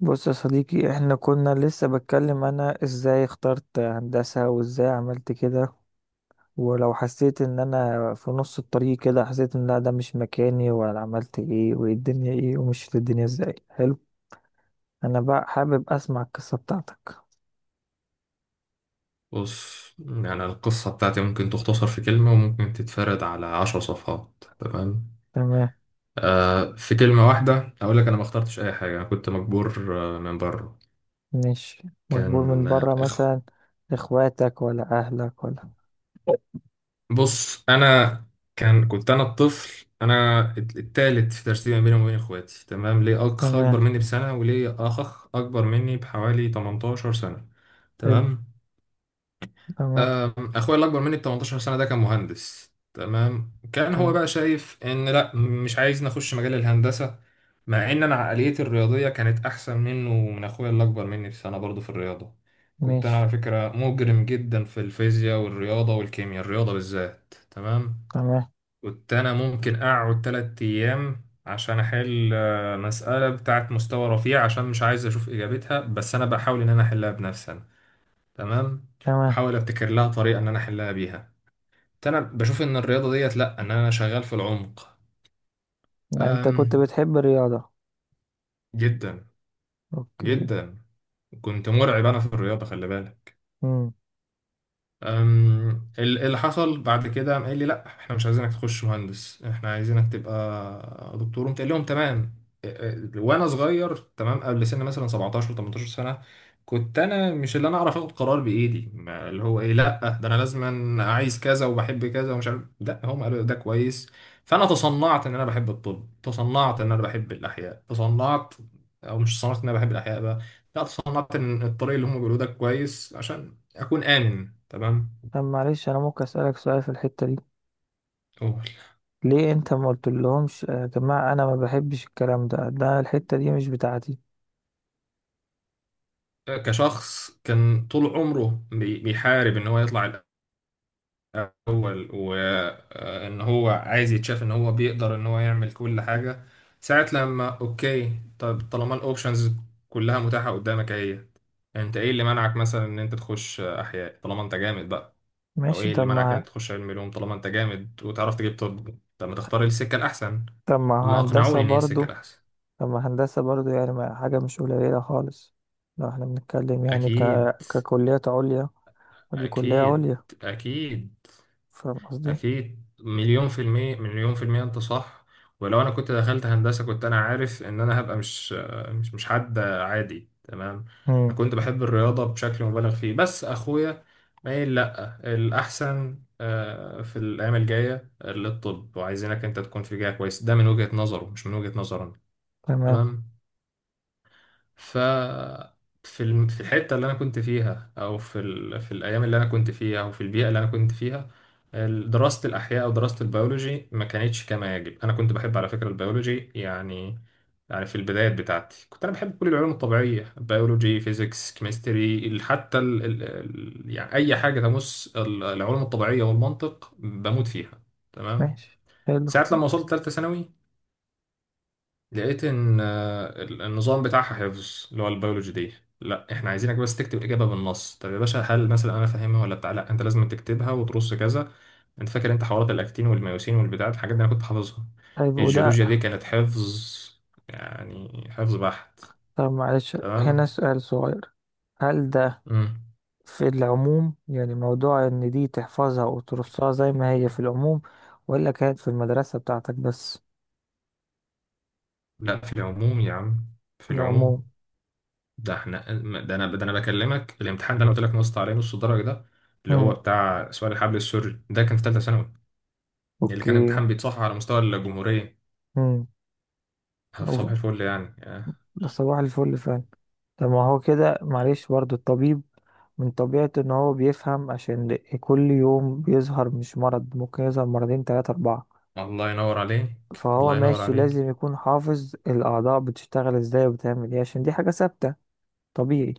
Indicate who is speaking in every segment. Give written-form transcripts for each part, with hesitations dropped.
Speaker 1: بص يا صديقي، احنا كنا لسه بتكلم انا ازاي اخترت هندسة وازاي عملت كده، ولو حسيت ان انا في نص الطريق كده حسيت ان لا ده مش مكاني، وانا عملت ايه وايه الدنيا، ايه ومشيت الدنيا ازاي. حلو. انا بقى حابب اسمع القصة بتاعتك.
Speaker 2: بص، يعني القصة بتاعتي ممكن تختصر في كلمة وممكن تتفرد على عشر صفحات. تمام.
Speaker 1: تمام.
Speaker 2: في كلمة واحدة أقول لك، أنا ما اخترتش أي حاجة، أنا كنت مجبور من بره.
Speaker 1: ماشي. مجبور من
Speaker 2: كان
Speaker 1: بره
Speaker 2: آه، إخ-
Speaker 1: مثلا؟ اخواتك ولا اهلك ولا؟
Speaker 2: بص أنا. كنت أنا الطفل، أنا التالت في ترتيب ما بيني وما بين إخواتي، تمام. ليه أخ أكبر
Speaker 1: تمام.
Speaker 2: مني بسنة، وليه أخ أكبر مني بحوالي 18 سنة.
Speaker 1: حلو.
Speaker 2: تمام.
Speaker 1: تمام.
Speaker 2: اخويا الاكبر مني ب 18 سنه ده كان مهندس، تمام. كان هو
Speaker 1: تمام.
Speaker 2: بقى شايف ان لا، مش عايز نخش مجال الهندسه، مع ان انا عقليتي الرياضيه كانت احسن منه ومن اخويا الاكبر مني بسنه برضه في الرياضه. كنت انا
Speaker 1: ماشي.
Speaker 2: على فكره مجرم جدا في الفيزياء والرياضه والكيمياء، الرياضه بالذات، تمام.
Speaker 1: تمام.
Speaker 2: كنت انا ممكن اقعد 3 ايام عشان احل مساله بتاعت مستوى رفيع، عشان مش عايز اشوف اجابتها، بس انا بحاول ان انا احلها بنفسي. تمام.
Speaker 1: تمام.
Speaker 2: واحاول ابتكر لها طريقه ان انا احلها بيها. انا بشوف ان الرياضه ديت، لا، ان انا شغال في العمق.
Speaker 1: انت كنت
Speaker 2: أم
Speaker 1: بتحب الرياضة؟
Speaker 2: جدا
Speaker 1: اوكي.
Speaker 2: جدا. كنت مرعب انا في الرياضه، خلي بالك. أم، اللي حصل بعد كده قام قال لي لا، احنا مش عايزينك تخش مهندس، احنا عايزينك تبقى دكتور. قمت قايل لهم تمام. أه، أه، وانا صغير، تمام، قبل سن مثلا 17 18 سنه. كنت انا مش اللي انا اعرف اخد قرار بايدي، اللي هو ايه، لا ده انا لازم عايز كذا وبحب كذا ومش عارف، لا هم قالوا ده كويس. فانا تصنعت ان انا بحب الطب، تصنعت ان انا بحب الاحياء، تصنعت. او مش تصنعت ان انا بحب الاحياء بقى، لا تصنعت ان الطريق اللي هم بيقولوه ده كويس، عشان أكون آمن. تمام.
Speaker 1: طب معلش، انا ممكن اسالك سؤال في الحته دي؟
Speaker 2: أول.
Speaker 1: ليه انت ما قلت لهمش يا جماعه انا ما بحبش الكلام ده؟ ده الحته دي مش بتاعتي.
Speaker 2: كشخص كان طول عمره بيحارب إن هو يطلع الأول، وإن هو عايز يتشاف إن هو بيقدر إن هو يعمل كل حاجة. ساعة لما أوكي، طب طالما الأوبشنز كلها متاحة قدامك أهي، أنت إيه اللي منعك مثلا إن أنت تخش أحياء طالما أنت جامد بقى؟ أو
Speaker 1: ماشي.
Speaker 2: إيه اللي منعك إن أنت تخش علم علوم طالما أنت جامد وتعرف تجيب؟ طب، طب ما تختار السكة الأحسن.
Speaker 1: طب
Speaker 2: هم
Speaker 1: ما هندسه
Speaker 2: أقنعوني إن هي السكة
Speaker 1: برضو.
Speaker 2: الأحسن.
Speaker 1: طب ما هندسه برضو، يعني ما حاجه مش قليله خالص. لو احنا بنتكلم يعني
Speaker 2: أكيد،
Speaker 1: ككليات عليا، ودي كليه
Speaker 2: أكيد،
Speaker 1: عليا.
Speaker 2: أكيد،
Speaker 1: فاهم قصدي؟
Speaker 2: أكيد، مليون في المية، مليون في المية، أنت صح. ولو أنا كنت دخلت هندسة، كنت أنا عارف إن أنا هبقى مش مش حد عادي. تمام.
Speaker 1: امم.
Speaker 2: أنا كنت بحب الرياضة بشكل مبالغ فيه، بس أخويا مايل لأ، الأحسن في الأيام الجاية للطب، وعايزينك أنت تكون في جهة كويس. ده من وجهة نظره، مش من وجهة نظرنا.
Speaker 1: تمام.
Speaker 2: تمام. ف في الحته اللي انا كنت فيها، او في ال... في الايام اللي انا كنت فيها، او في البيئه اللي انا كنت فيها، دراسه الاحياء او دراسه البيولوجي ما كانتش كما يجب. انا كنت بحب على فكره البيولوجي، يعني. يعني في البدايات بتاعتي كنت انا بحب كل العلوم الطبيعيه، بيولوجي، فيزيكس، كيمستري، حتى يعني اي حاجه تمس العلوم الطبيعيه والمنطق، بموت فيها. تمام.
Speaker 1: ماشي. حلو.
Speaker 2: ساعه لما وصلت ثالثه ثانوي، لقيت ان النظام بتاعها حفظ. اللي هو البيولوجي دي، لا احنا عايزينك بس تكتب اجابه بالنص. طب يا باشا، هل مثلا انا فاهمها ولا بتاع؟ لا، انت لازم تكتبها وترص كذا. انت فاكر انت حوارات الاكتين والميوسين والبتاع، الحاجات دي انا كنت حافظها.
Speaker 1: طيب وده.
Speaker 2: الجيولوجيا دي كانت حفظ، يعني حفظ بحت.
Speaker 1: طب معلش، هنا
Speaker 2: تمام.
Speaker 1: سؤال صغير. هل ده.
Speaker 2: امم
Speaker 1: في العموم، يعني موضوع ان دي تحفظها وترصها زي ما هي في العموم، ولا كانت في المدرسة بتاعتك بس؟
Speaker 2: لا، في العموم يا عم، في
Speaker 1: في العموم.
Speaker 2: العموم. ده احنا، ده انا بكلمك، الامتحان ده انا قلت لك نصت عليه نص درجه ده، اللي هو
Speaker 1: امم.
Speaker 2: بتاع سؤال الحبل السري، ده كان في ثالثه ثانوي، اللي كان
Speaker 1: اوكي.
Speaker 2: امتحان بيتصحح على مستوى الجمهورية.
Speaker 1: امم. أوف،
Speaker 2: صباح الفل يعني
Speaker 1: ده صباح الفل فعلا. طب ما هو كده، معلش برضو الطبيب من طبيعته ان هو بيفهم، عشان كل يوم بيظهر مش مرض، ممكن يظهر مرضين تلاتة اربعة.
Speaker 2: الله ينور عليك.
Speaker 1: فهو
Speaker 2: الله ينور
Speaker 1: ماشي
Speaker 2: عليك.
Speaker 1: لازم يكون حافظ الاعضاء بتشتغل ازاي وبتعمل ايه، عشان دي حاجة ثابتة طبيعي.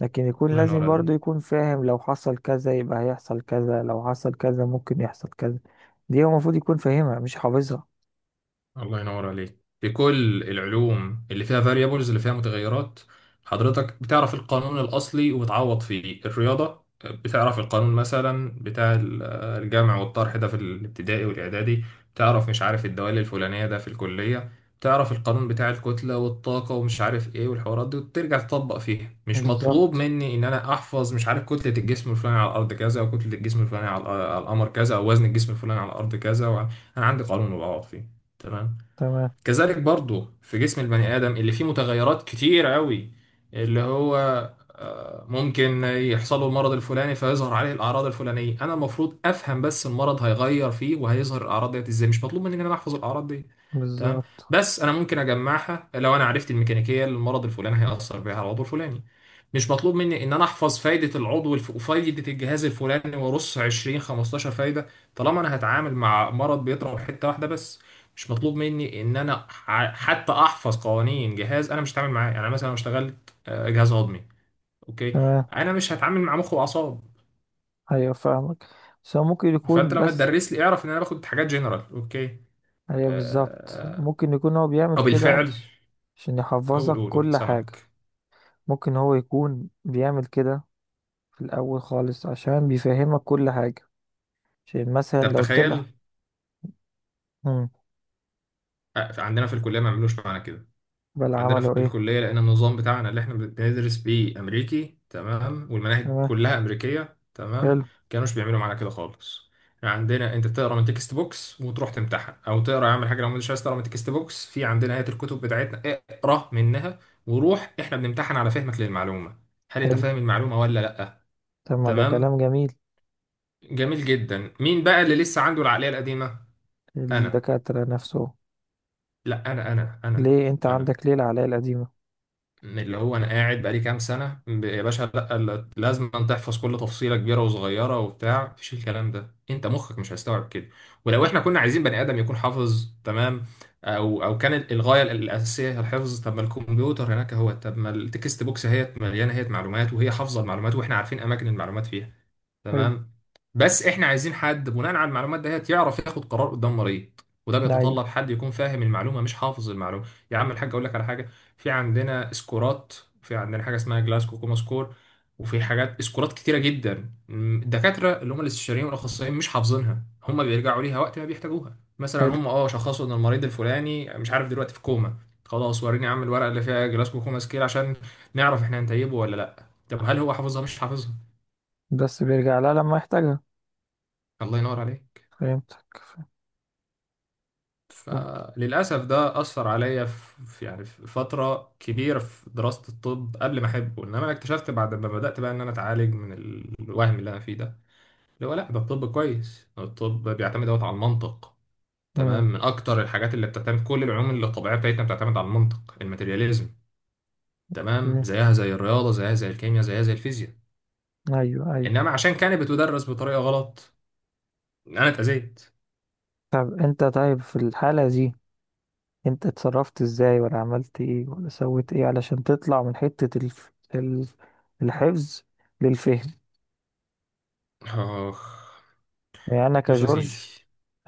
Speaker 1: لكن يكون
Speaker 2: الله ينور
Speaker 1: لازم برضو
Speaker 2: عليك.
Speaker 1: يكون فاهم، لو حصل كذا يبقى هيحصل كذا، لو حصل كذا ممكن يحصل كذا. دي هو المفروض يكون فاهمها مش حافظها.
Speaker 2: الله ينور عليك. في كل العلوم اللي فيها variables، اللي فيها متغيرات، حضرتك بتعرف القانون الأصلي وبتعوض فيه. الرياضة بتعرف القانون مثلا بتاع الجمع والطرح ده في الابتدائي والإعدادي. بتعرف مش عارف الدوال الفلانية ده في الكلية. بتعرف القانون بتاع الكتلة والطاقة ومش عارف ايه والحوارات دي، وترجع تطبق فيها. مش مطلوب
Speaker 1: بالظبط.
Speaker 2: مني ان انا احفظ مش عارف كتلة الجسم الفلاني على الارض كذا، وكتلة الجسم الفلاني على القمر كذا، او وزن الجسم الفلاني على الارض كذا، انا عندي قانون وبعوض فيه. تمام.
Speaker 1: تمام.
Speaker 2: كذلك برضو في جسم البني آدم اللي فيه متغيرات كتير قوي، اللي هو ممكن يحصل له المرض الفلاني فيظهر عليه الأعراض الفلانية. أنا المفروض أفهم بس المرض هيغير فيه وهيظهر الأعراض ديت إزاي، مش مطلوب مني إن أنا أحفظ الأعراض دي. تمام.
Speaker 1: بالظبط.
Speaker 2: بس أنا ممكن أجمعها لو أنا عرفت الميكانيكية اللي المرض الفلاني هيأثر بيها على العضو الفلاني. مش مطلوب مني ان انا احفظ فايده وفايده الجهاز الفلاني وارص 20 15 فايده، طالما انا هتعامل مع مرض بيضرب حته واحده بس. مش مطلوب مني ان انا حتى احفظ قوانين جهاز انا مش هتعامل معاه. يعني أنا مثلا لو اشتغلت جهاز هضمي، اوكي،
Speaker 1: تمام.
Speaker 2: انا مش هتعامل مع مخ واعصاب.
Speaker 1: ايوه فاهمك. بس هو ممكن
Speaker 2: فانت
Speaker 1: يكون
Speaker 2: لو
Speaker 1: بس.
Speaker 2: هتدرس لي، اعرف ان انا باخد حاجات جنرال، اوكي.
Speaker 1: ايوه بالظبط،
Speaker 2: آه، آه،
Speaker 1: ممكن يكون هو بيعمل
Speaker 2: او
Speaker 1: كده
Speaker 2: بالفعل.
Speaker 1: عشان
Speaker 2: قول،
Speaker 1: يحفظك
Speaker 2: قول، قول،
Speaker 1: كل حاجة.
Speaker 2: سمعك.
Speaker 1: ممكن هو يكون بيعمل كده في الأول خالص، عشان بيفهمك كل حاجة. عشان مثلا
Speaker 2: طب
Speaker 1: لو طلع.
Speaker 2: تخيل،
Speaker 1: امم.
Speaker 2: عندنا في الكليه ما عملوش معانا كده.
Speaker 1: بل
Speaker 2: عندنا في
Speaker 1: عملوا ايه؟
Speaker 2: الكلية، لأن النظام بتاعنا اللي احنا بندرس بيه أمريكي، تمام، والمناهج
Speaker 1: تمام.
Speaker 2: كلها أمريكية، تمام،
Speaker 1: حلو.
Speaker 2: كانوش بيعملوا معانا كده خالص. يعني عندنا أنت تقرا من تكست بوكس وتروح تمتحن، أو تقرا يا عم حاجة، لو مش عايز تقرا من تكست بوكس في عندنا هيئة الكتب بتاعتنا، اقرا منها. وروح، احنا بنمتحن على فهمك للمعلومة، هل أنت
Speaker 1: حلو.
Speaker 2: فاهم المعلومة ولا لأ.
Speaker 1: طب ما ده
Speaker 2: تمام.
Speaker 1: كلام جميل.
Speaker 2: جميل جدا. مين بقى اللي لسه عنده العقلية القديمة؟ أنا.
Speaker 1: الدكاترة نفسه.
Speaker 2: لا، أنا.
Speaker 1: ليه انت
Speaker 2: أنا
Speaker 1: عندك ليه العلاقة القديمة؟
Speaker 2: من اللي هو انا قاعد بقالي كام سنه يا باشا لا، لازم أن تحفظ كل تفصيله كبيره وصغيره وبتاع، مفيش الكلام ده، انت مخك مش هيستوعب كده. ولو
Speaker 1: طب.
Speaker 2: احنا كنا عايزين بني ادم يكون حافظ تمام، او كان الغايه الاساسيه هي الحفظ، طب ما الكمبيوتر هناك هو، طب ما التكست بوكس هي مليانه، هي معلومات وهي حافظه المعلومات، واحنا عارفين اماكن المعلومات فيها.
Speaker 1: حلو.
Speaker 2: تمام. بس احنا عايزين حد بناء على المعلومات ديت يعرف ياخد قرار قدام مريض، وده
Speaker 1: ايوه
Speaker 2: بيتطلب حد يكون فاهم المعلومه مش حافظ المعلومه. يا عم الحاج، اقول لك على حاجه. في عندنا سكورات، في عندنا حاجه اسمها جلاسكو كوما سكور، وفي حاجات سكورات كتيره جدا. الدكاتره اللي هم الاستشاريين والاخصائيين مش حافظينها، هم بيرجعوا ليها وقت ما بيحتاجوها. مثلا
Speaker 1: حلو.
Speaker 2: هم شخصوا ان المريض الفلاني، مش عارف، دلوقتي في كوما. خلاص، وريني يا عم الورقه اللي فيها جلاسكو كوما سكيل، عشان نعرف احنا هنتيبه ولا لا. طب هل هو حافظها؟ مش حافظها.
Speaker 1: بس بيرجع لها لما يحتاجها.
Speaker 2: الله ينور عليك.
Speaker 1: فهمتك. فهمت.
Speaker 2: فللأسف ده أثر عليا يعني في فترة كبيرة في دراسة الطب قبل ما أحبه. إنما أنا اكتشفت بعد ما بدأت بقى إن أنا أتعالج من الوهم اللي أنا فيه ده، اللي هو لأ، ده الطب كويس، الطب بيعتمد دوت على المنطق. تمام.
Speaker 1: امم.
Speaker 2: من أكتر الحاجات اللي بتعتمد، كل العلوم اللي الطبيعية بتاعتنا بتعتمد على المنطق، الماتيرياليزم. تمام.
Speaker 1: اوكي.
Speaker 2: زيها زي الرياضة، زيها زي الكيمياء، زيها زي الفيزياء.
Speaker 1: ايوه ايوه.
Speaker 2: إنما عشان كانت بتدرس بطريقة غلط، أنا اتأذيت.
Speaker 1: طب انت، طيب في الحالة دي انت اتصرفت ازاي ولا عملت ايه ولا سويت ايه علشان تطلع من حتة الحفظ للفهم؟
Speaker 2: آخ.
Speaker 1: يعني انا
Speaker 2: بص يا
Speaker 1: كجورج
Speaker 2: سيدي.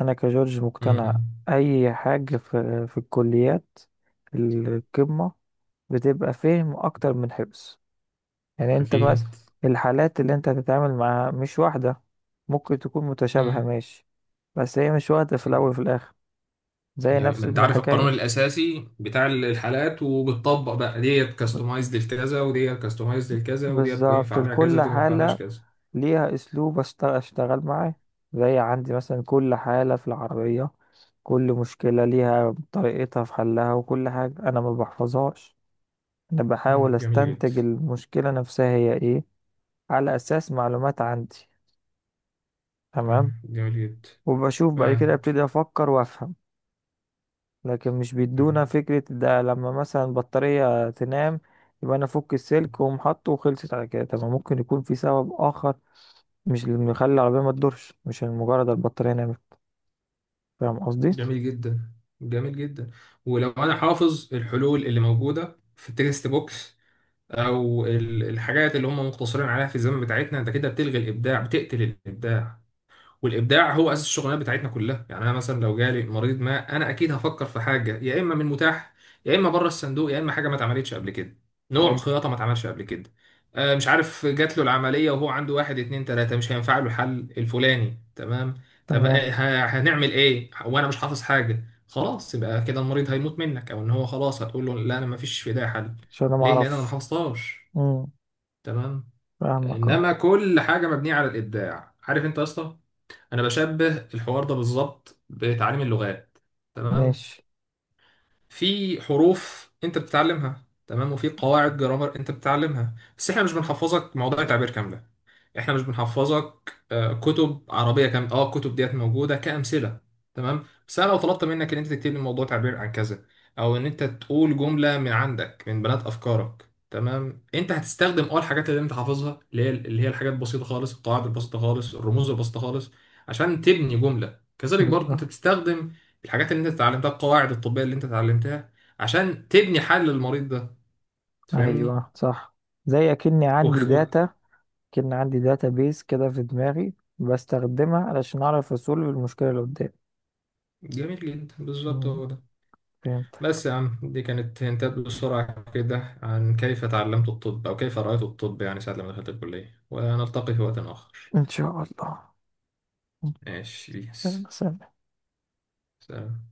Speaker 1: انا كجورج
Speaker 2: م-
Speaker 1: مقتنع.
Speaker 2: م.
Speaker 1: اي حاجة في الكليات القمة بتبقى فهم اكتر من حفظ. يعني انت مثلا،
Speaker 2: أكيد.
Speaker 1: الحالات اللي انت هتتعامل معاها مش واحدة. ممكن تكون متشابهة ماشي، بس هي مش واحدة في
Speaker 2: م.
Speaker 1: الأول وفي الآخر. زي
Speaker 2: جميل.
Speaker 1: نفس
Speaker 2: ما انت عارف القانون
Speaker 1: الحكاية.
Speaker 2: الاساسي بتاع الحالات وبتطبق بقى، ديت
Speaker 1: ب-
Speaker 2: كاستمايزد لكذا، وديت كاستمايزد لكذا، وديت ينفع
Speaker 1: بالظبط
Speaker 2: عليها كذا،
Speaker 1: لكل
Speaker 2: ودي ما ينفعلهاش
Speaker 1: حالة
Speaker 2: كذا.
Speaker 1: ليها أسلوب أشتغل معاه. زي عندي مثلا كل حالة في العربية، كل مشكلة ليها طريقتها في حلها، وكل حاجة أنا ما بحفظهاش. أنا بحاول
Speaker 2: جميل جدا.
Speaker 1: أستنتج المشكلة نفسها هي إيه على أساس معلومات عندي. تمام.
Speaker 2: جميل جدا،
Speaker 1: وبشوف بعد كده
Speaker 2: معاك.
Speaker 1: ابتدي افكر وافهم. لكن مش بيدونا
Speaker 2: مم،
Speaker 1: فكرة، ده لما مثلا البطارية تنام يبقى انا افك السلك واقوم حاطه وخلصت على كده. طب ما ممكن يكون في سبب اخر، مش اللي مخلي العربية ما تدورش مش مجرد البطارية نامت. فاهم قصدي؟
Speaker 2: جميل جدا. جميل جدا. ولو انا حافظ الحلول اللي موجوده في التكست بوكس، او الحاجات اللي هم مقتصرين عليها في الزمن بتاعتنا، انت كده بتلغي الابداع، بتقتل الابداع. والابداع هو اساس الشغلانه بتاعتنا كلها. يعني انا مثلا لو جالي مريض، ما انا اكيد هفكر في حاجه يا اما من متاح، يا اما بره الصندوق، يا اما حاجه ما اتعملتش قبل كده، نوع
Speaker 1: حلو.
Speaker 2: خياطه ما اتعملش قبل كده. مش عارف، جات له العمليه وهو عنده واحد اتنين تلاته، مش هينفع له الحل الفلاني، تمام. طب
Speaker 1: تمام.
Speaker 2: هنعمل ايه وانا مش حافظ حاجه خلاص؟ يبقى كده المريض هيموت منك، او ان هو خلاص هتقول له لا انا ما فيش في ده حل،
Speaker 1: عشان انا ما
Speaker 2: ليه؟ لان انا ما
Speaker 1: اعرفش.
Speaker 2: حفظتهاش.
Speaker 1: امم.
Speaker 2: تمام.
Speaker 1: فاهمك اه.
Speaker 2: انما كل حاجه مبنيه على الابداع، عارف انت يا اسطى؟ انا بشبه الحوار ده بالظبط بتعليم اللغات. تمام.
Speaker 1: ماشي.
Speaker 2: في حروف انت بتتعلمها، تمام، وفي قواعد جرامر انت بتتعلمها، بس احنا مش بنحفظك موضوع تعبير كامله. احنا مش بنحفظك كتب عربيه كامله. اه الكتب ديت موجوده كامثله. تمام. بس انا لو طلبت منك ان انت تكتب لي موضوع تعبير عن كذا، او ان انت تقول جمله من عندك من بنات افكارك، تمام، انت هتستخدم الحاجات اللي انت حافظها، اللي هي الحاجات البسيطه خالص، القواعد البسيطه خالص، الرموز البسيطه خالص، عشان تبني جمله. كذلك برضه انت
Speaker 1: بالظبط.
Speaker 2: بتستخدم الحاجات اللي انت اتعلمتها، القواعد الطبية اللي انت اتعلمتها، عشان تبني حل للمريض ده. تفهمني؟
Speaker 1: ايوه صح. زي اكني
Speaker 2: و...
Speaker 1: عندي
Speaker 2: و...
Speaker 1: داتا كأن عندي داتا بيس كده في دماغي، بستخدمها علشان اعرف اصول المشكلة اللي قدامي.
Speaker 2: جميل جدا، بالظبط
Speaker 1: أمم،
Speaker 2: هو ده.
Speaker 1: فهمت.
Speaker 2: بس يا عم، دي كانت هنتات بسرعة كده عن كيف تعلمت الطب أو كيف رأيت الطب، يعني ساعة لما دخلت الكلية، ونلتقي في وقت آخر.
Speaker 1: إن شاء الله.
Speaker 2: ماشي
Speaker 1: إن
Speaker 2: بيس.
Speaker 1: شاء الله.
Speaker 2: سلام.